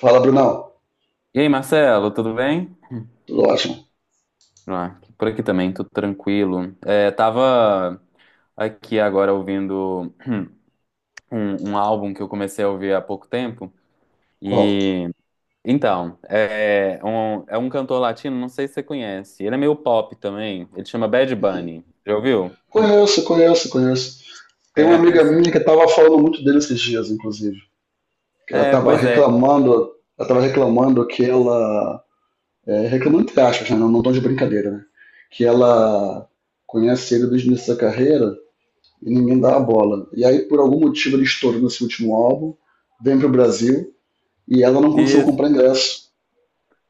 Fala, Brunão. E aí, Marcelo, tudo bem? Tudo ótimo. Ah, por aqui também, tudo tranquilo. Tava aqui agora ouvindo um álbum que eu comecei a ouvir há pouco tempo. Qual? E então, é um cantor latino, não sei se você conhece. Ele é meio pop também. Ele chama Bad Bunny. Já ouviu? Conheço, conheço, conheço. Tem uma amiga Conhece? minha que estava falando muito dele esses dias, inclusive. Que ela É, estava pois é. reclamando, ela tava reclamando que ela, reclamando entre aspas, né? Não, não tô de brincadeira, né? Que ela conhece ele desde o início da carreira e ninguém dá a bola. E aí, por algum motivo, ele estourou nesse último álbum, vem pro Brasil e ela não conseguiu Isso. comprar ingresso.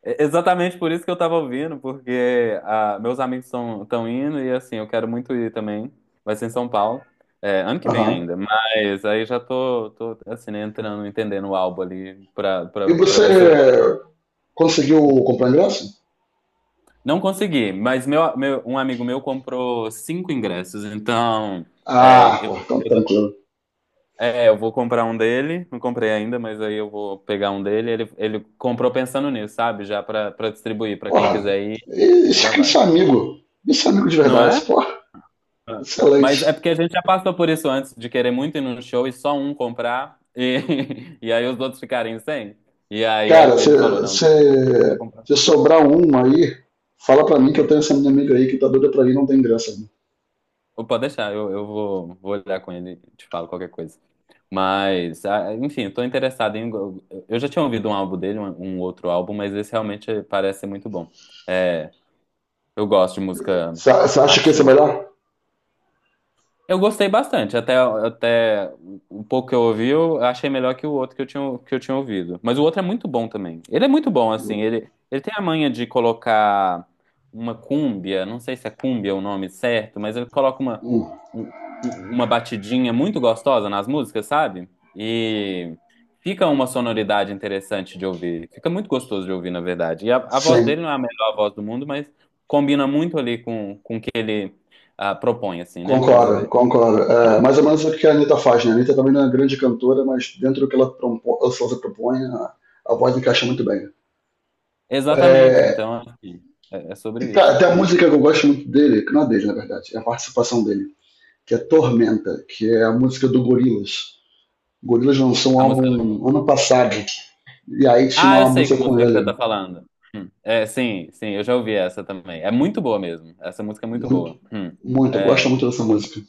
É Exatamente por isso que eu tava ouvindo, porque meus amigos estão indo e assim, eu quero muito ir também. Vai ser em São Paulo, é, ano que vem Aham. ainda, mas aí já tô assim, né, entrando, entendendo o álbum ali E pra você ver se eu gosto. conseguiu comprar ingresso? Não consegui, mas um amigo meu comprou 5 ingressos, então é, Ah, eu, pô, então eu, tranquilo. Eu vou comprar um dele, não comprei ainda, mas aí eu vou pegar um dele. Ele comprou pensando nisso, sabe? Já pra distribuir, pra quem Porra, quiser ir, já esse vai. amigo, esse amigo de Não verdade, é? porra, Ah. Mas é excelente. porque a gente já passou por isso antes de querer muito ir num show e só um comprar e, e aí os outros ficarem sem. E aí Cara, ele falou, não, se, eu vou comprar. se sobrar um aí, fala pra mim que eu tenho essa minha amiga aí que tá doida pra mim, não tem graça, né? Ou pode deixar, eu vou, vou olhar com ele e te falo qualquer coisa. Mas, ah, enfim, tô interessado em. Eu já tinha ouvido um álbum dele, um outro álbum, mas esse realmente parece ser muito bom. É, eu gosto de música Você acha que esse é latina. melhor? Eu gostei bastante, até um pouco que eu ouvi, eu achei melhor que o outro que eu tinha ouvido. Mas o outro é muito bom também. Ele é muito bom, assim, ele tem a manha de colocar uma cúmbia, não sei se é cúmbia o nome certo, mas ele coloca Hum, um- uma batidinha muito gostosa nas músicas, sabe? E fica uma sonoridade interessante de ouvir, fica muito gostoso de ouvir, na verdade. E a voz dele sim, não é a melhor voz do mundo, mas combina muito ali com o que ele propõe, assim, né? Vamos concordo, dizer. concordo. É, mais ou menos o que a Anitta faz, né? A Anitta também não é uma grande cantora, mas dentro do que ela, propo, ou se ela propõe, a voz encaixa muito bem. Exatamente. É, Então, acho que é sobre isso. cara, tem a Hum. música que eu gosto muito dele, que não é dele, na verdade, é a participação dele que é Tormenta, que é a música do Gorillaz. O Gorillaz lançou um A música. álbum ano passado, e aí tinha Ah, eu uma sei que música com música que você tá ele. falando. Hum. É, sim, sim, eu já ouvi essa também. É muito boa mesmo. Essa música é muito Muito, boa. Hum. muito, eu gosto É, muito dessa música.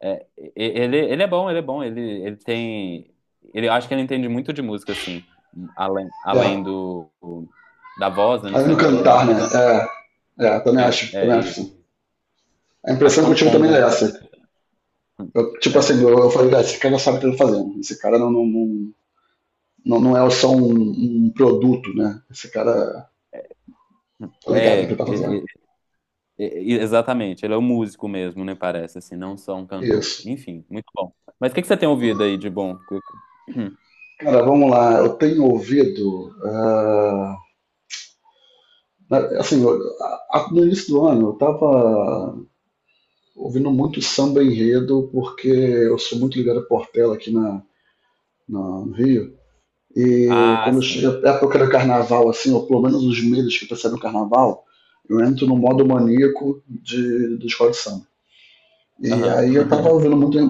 ele, ele é bom, ele é bom. Ele tem. Ele, eu acho que ele entende muito de música, assim. É, Além da voz, né? Não aí ser no cantar, né? maravilhosa. É, é também E acho sim. A acho que impressão é que eu um tive também é combo. essa. Eu, tipo É, assim, eu, eu falei, ah, esse cara sabe o que ele tá fazendo. Esse cara não é só um produto, né? Esse cara tá ligado no que é, ele tá fazendo. Exatamente, ele é um músico mesmo, né? Parece assim, não só um cantor. Isso. Enfim, muito bom. Mas o que que você tem ouvido aí de bom? Cara, vamos lá. Eu tenho ouvido. Na- Assim, eu- no início do ano eu estava ouvindo muito samba enredo, porque eu sou muito ligado a Portela aqui no Rio. E Ah, quando sim. chega a época do carnaval, assim, ou pelo menos os meses que precedem o carnaval, eu entro no modo maníaco de escola de samba. E Aham. aí eu tava ouvindo muito,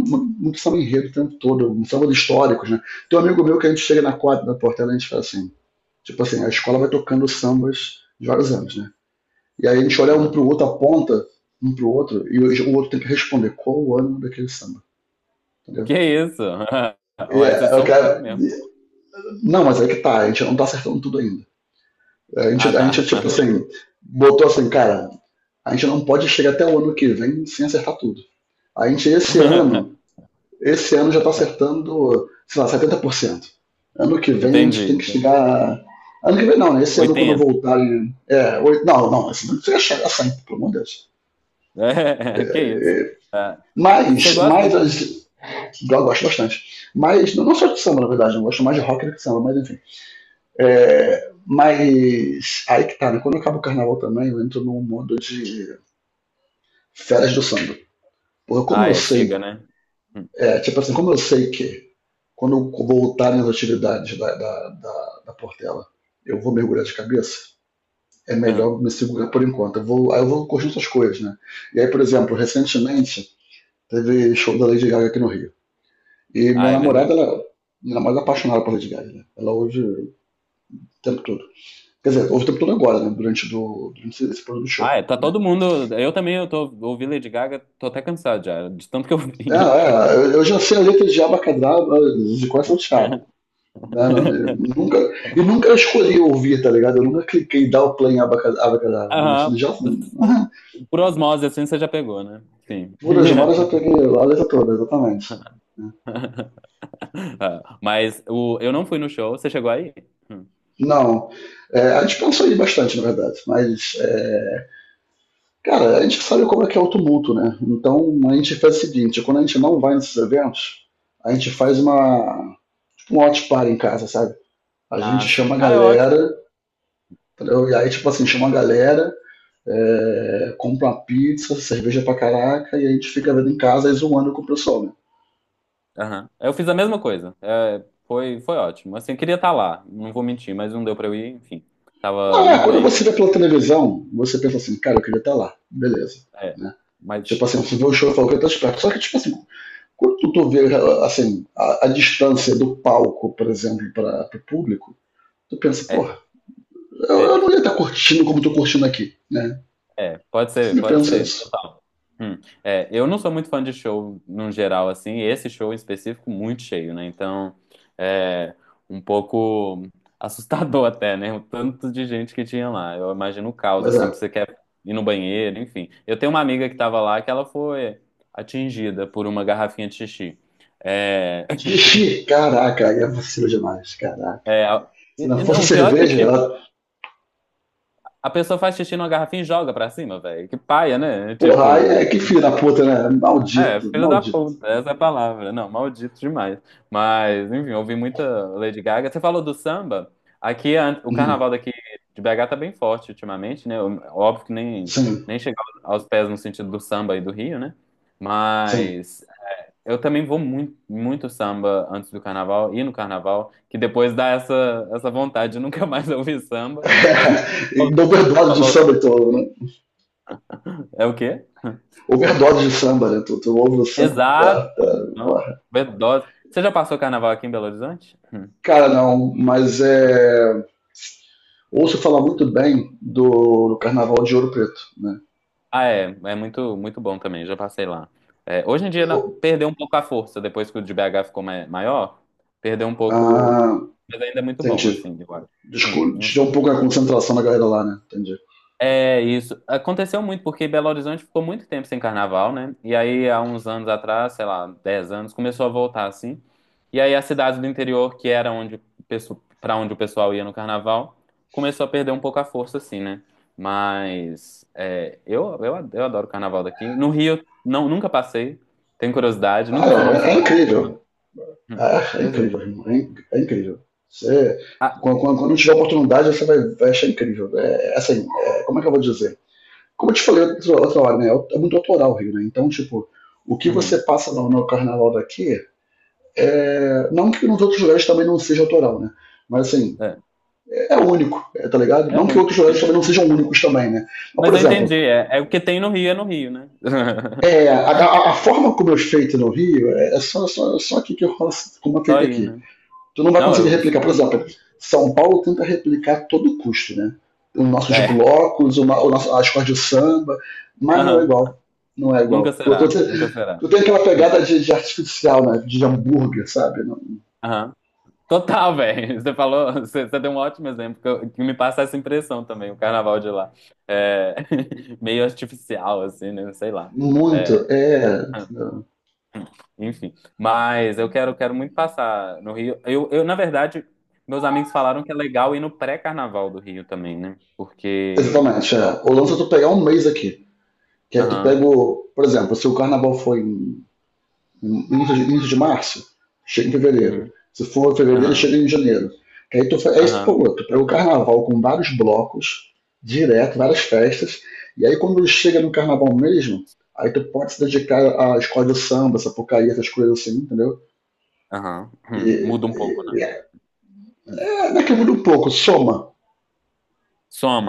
muito, samba enredo o tempo todo, um samba de históricos, né? Tem um amigo meu que a gente chega na quadra da Portela e a gente fala assim, tipo assim, a escola vai tocando sambas de vários anos, né? E aí a gente olha um Aham. pro outro, aponta um pro outro, e o outro tem que responder qual o ânimo daquele samba, entendeu? Que isso? E, Ué, vocês é, são fera cara, mesmo. não, mas é que tá, a gente não tá acertando tudo ainda. É, a Ah, gente, tá. tipo assim, botou assim, cara, a gente não pode chegar até o ano que vem sem acertar tudo. A gente, esse ano já tá acertando, sei lá, 70%. Ano que vem a Entendi, gente tem que entendi. chegar. Ano que vem não, né? Esse ano quando eu 80. voltar. Não, não, esse ano chega a 100, pelo amor de Deus. É, que isso? Ah, você gosta, Mas a então? gente- Eu gosto bastante. Mas não só de samba, na verdade, eu gosto mais de rock do que de samba, mas enfim. Hum. É, mas aí que tá, né? Quando acaba o carnaval também, eu entro num mundo de férias do samba. Porque como Ah, eu é, chega, sei, né? Hum, é, tipo assim, como eu sei que quando eu voltar nas atividades da Portela, eu vou mergulhar de cabeça, é aham. melhor me segurar por enquanto. Eu vou, aí eu vou curtir outras coisas, né? E aí, por exemplo, recentemente teve show da Lady Gaga aqui no Rio. E minha Ah, é namorada, verdade. ela, minha namorada é apaixonada por Lady Gaga, né? Ela hoje o tempo todo. Quer dizer, houve o tempo todo agora, né? Durante, durante esse período do show. Ah, é, tá Né? todo mundo. Eu também, eu tô ouvindo Lady Gaga, tô até cansado já, de tanto que eu É, vi. é, eu já sei a letra de Abacadabra de quase salteado. Né? Nunca, e nunca escolhi ouvir, tá ligado? Eu nunca cliquei dar o play em Abacadabra, mas Aham. já, assim. Por osmose, assim, você já pegou, né? Sim. Por as horas eu já peguei a letra toda, exatamente, né. Ah, mas o, eu não fui no show. Você chegou aí? Hum. Não. É, a gente pensou aí bastante, na verdade. Mas, é, cara, a gente sabe como é que é o tumulto, né? Então, a gente faz o seguinte: quando a gente não vai nesses eventos, a gente faz uma, um watch party em casa, sabe? A Ah, gente sim. chama a Ah, é ótimo. galera, entendeu? E aí, tipo assim, chama a galera, é, compra uma pizza, cerveja pra caraca, e a gente fica vendo em casa e zoando com o pessoal, né? Aham. Eu fiz a mesma coisa. É, foi, foi ótimo. Assim, eu queria estar lá. Não vou mentir, mas não deu pra eu ir. Enfim, tava Ah, muito quando você doente. vê pela televisão, você pensa assim, cara, eu queria estar lá, beleza, É. né? Mas, Tipo assim, você vê o show e fala que eu tô esperto. Só que, tipo assim, quando tu vê, assim, a distância do palco, por exemplo, para o público, tu pensa, porra, é. Eu É. não ia estar curtindo como tô curtindo aqui, né? É, Você pode pensa ser, isso. total. Hum. É, eu não sou muito fã de show num geral, assim, e esse show em específico muito cheio, né? Então, é um pouco assustador até, né? O tanto de gente que tinha lá. Eu imagino o caos, Pois é. assim, que você quer ir no banheiro, enfim. Eu tenho uma amiga que tava lá que ela foi atingida por uma garrafinha de xixi. É, Tixi, caraca, aí é vacilo demais, caraca. é, a- Se não e fosse não, o a pior é que, cerveja, tipo, ela, a pessoa faz xixi numa garrafinha e joga pra cima, velho. Que paia, né? porra, aí Tipo. é que filho da puta, né? É, Maldito, filho da maldito. puta, essa é a palavra. Não, maldito demais. Mas, enfim, eu ouvi muita Lady Gaga. Você falou do samba? Aqui, a- o carnaval Uhum. daqui de BH tá bem forte ultimamente, né? Óbvio que Sim, nem chega aos pés no sentido do samba e do Rio, né? sim. Mas eu também vou muito, muito samba antes do carnaval e no carnaval, que depois dá essa vontade de nunca mais ouvir samba. É, overdose de samba, então, né? É o quê? Overdose de samba, né? Tu ouve o samba. Tá, tá, Exato. Não? porra. Overdose. Você já passou carnaval aqui em Belo Horizonte? Cara, não, mas é. Ouço falar muito bem do Carnaval de Ouro Preto, né? Ah, é, é muito, muito bom também, já passei lá. É, hoje em dia na- Eu... perdeu um pouco a força, depois que o de BH ficou ma- maior, perdeu um pouco, Ah, mas ainda é muito bom, entendi. assim, eu acho. Desculpa, Não sei. tirou um pouco a concentração da galera lá, né? Entendi. É isso. Aconteceu muito, porque Belo Horizonte ficou muito tempo sem carnaval, né? E aí, há uns anos atrás, sei lá, 10 anos, começou a voltar assim. E aí, as cidades do interior, que era onde para onde o pessoal ia no carnaval, começou a perder um pouco a força, assim, né? Mas é, eu adoro o carnaval daqui. No Rio, não, nunca passei, tenho curiosidade, nunca fui numa Ah, é, é escola de samba. incrível. Hum, Ah, é Pois é. incrível, irmão. É incrível. Você, Ah, quando tiver oportunidade, você vai, vai achar incrível. É, é assim, é, como é que eu vou dizer? Como eu te falei outra, outra hora, né? É é muito autoral o Rio, né? Então, tipo, o que você uhum, passa no carnaval daqui é. Não que nos outros lugares também não seja autoral, né? Mas assim, é, é único, é, tá ligado? é o Não que único outros que lugares tem. também não sejam únicos também, né? Mas, por Mas eu exemplo, entendi, é, é o que tem no Rio, é no Rio, né? é, a forma como é feito no Rio é, é só aqui que rola, como é Só feito aí, aqui. né? Tu não vai Não, conseguir eu replicar. Por super, exemplo, super- São Paulo tenta replicar a todo custo, né? Os nossos É. blocos, o, nosso, as cores de samba, mas não é Aham. igual. Não é Nunca igual. Será, nunca será. Tu tem aquela pegada de artificial, né? De hambúrguer, sabe? Aham. Total, velho. Você falou, você deu um ótimo exemplo que, eu- que me passa essa impressão também, o carnaval de lá. É, meio artificial, assim, né? Sei lá. Muito. É, É. enfim. Mas eu quero, quero muito passar no Rio. Na verdade, meus amigos falaram que é legal ir no pré-carnaval do Rio também, né? Porque. Exatamente. É. O lance é tu pegar um mês aqui. Que aí tu pega, Aham. o, por exemplo, se o carnaval foi em início de março, chega em fevereiro. Uhum, Se for fevereiro, aham. chega em janeiro. Aí tu, é isso, Aham. pô, tu pega o carnaval com vários blocos, direto, várias festas, e aí quando chega no carnaval mesmo, aí tu pode se dedicar à escola de samba, sapucaí, essas coisas assim, entendeu? Aham. E, Hum, muda um e pouco, é, né? né, que muda um pouco, soma.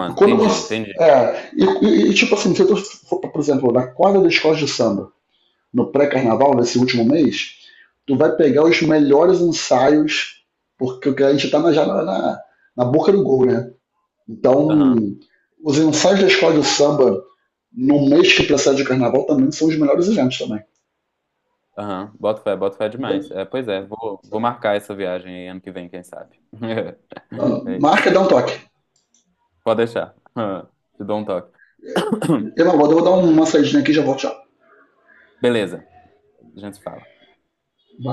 E quando entendi, você. entendi. Tipo assim, se tu for, por exemplo, na quadra da escola de samba, no pré-carnaval, nesse último mês, tu vai pegar os melhores ensaios, porque a gente está na boca do gol, né? Então, Aham, os ensaios da escola de samba no mês que precede o carnaval também são os melhores eventos também. aham. Bota fé Então, demais. É, pois é, vou marcar essa viagem aí ano que vem, quem sabe. É isso. marca, dá um toque. Pode deixar. Ah, te dou um toque. Eu vou dar uma saidinha aqui e já volto já. Beleza, a gente se fala. Vai.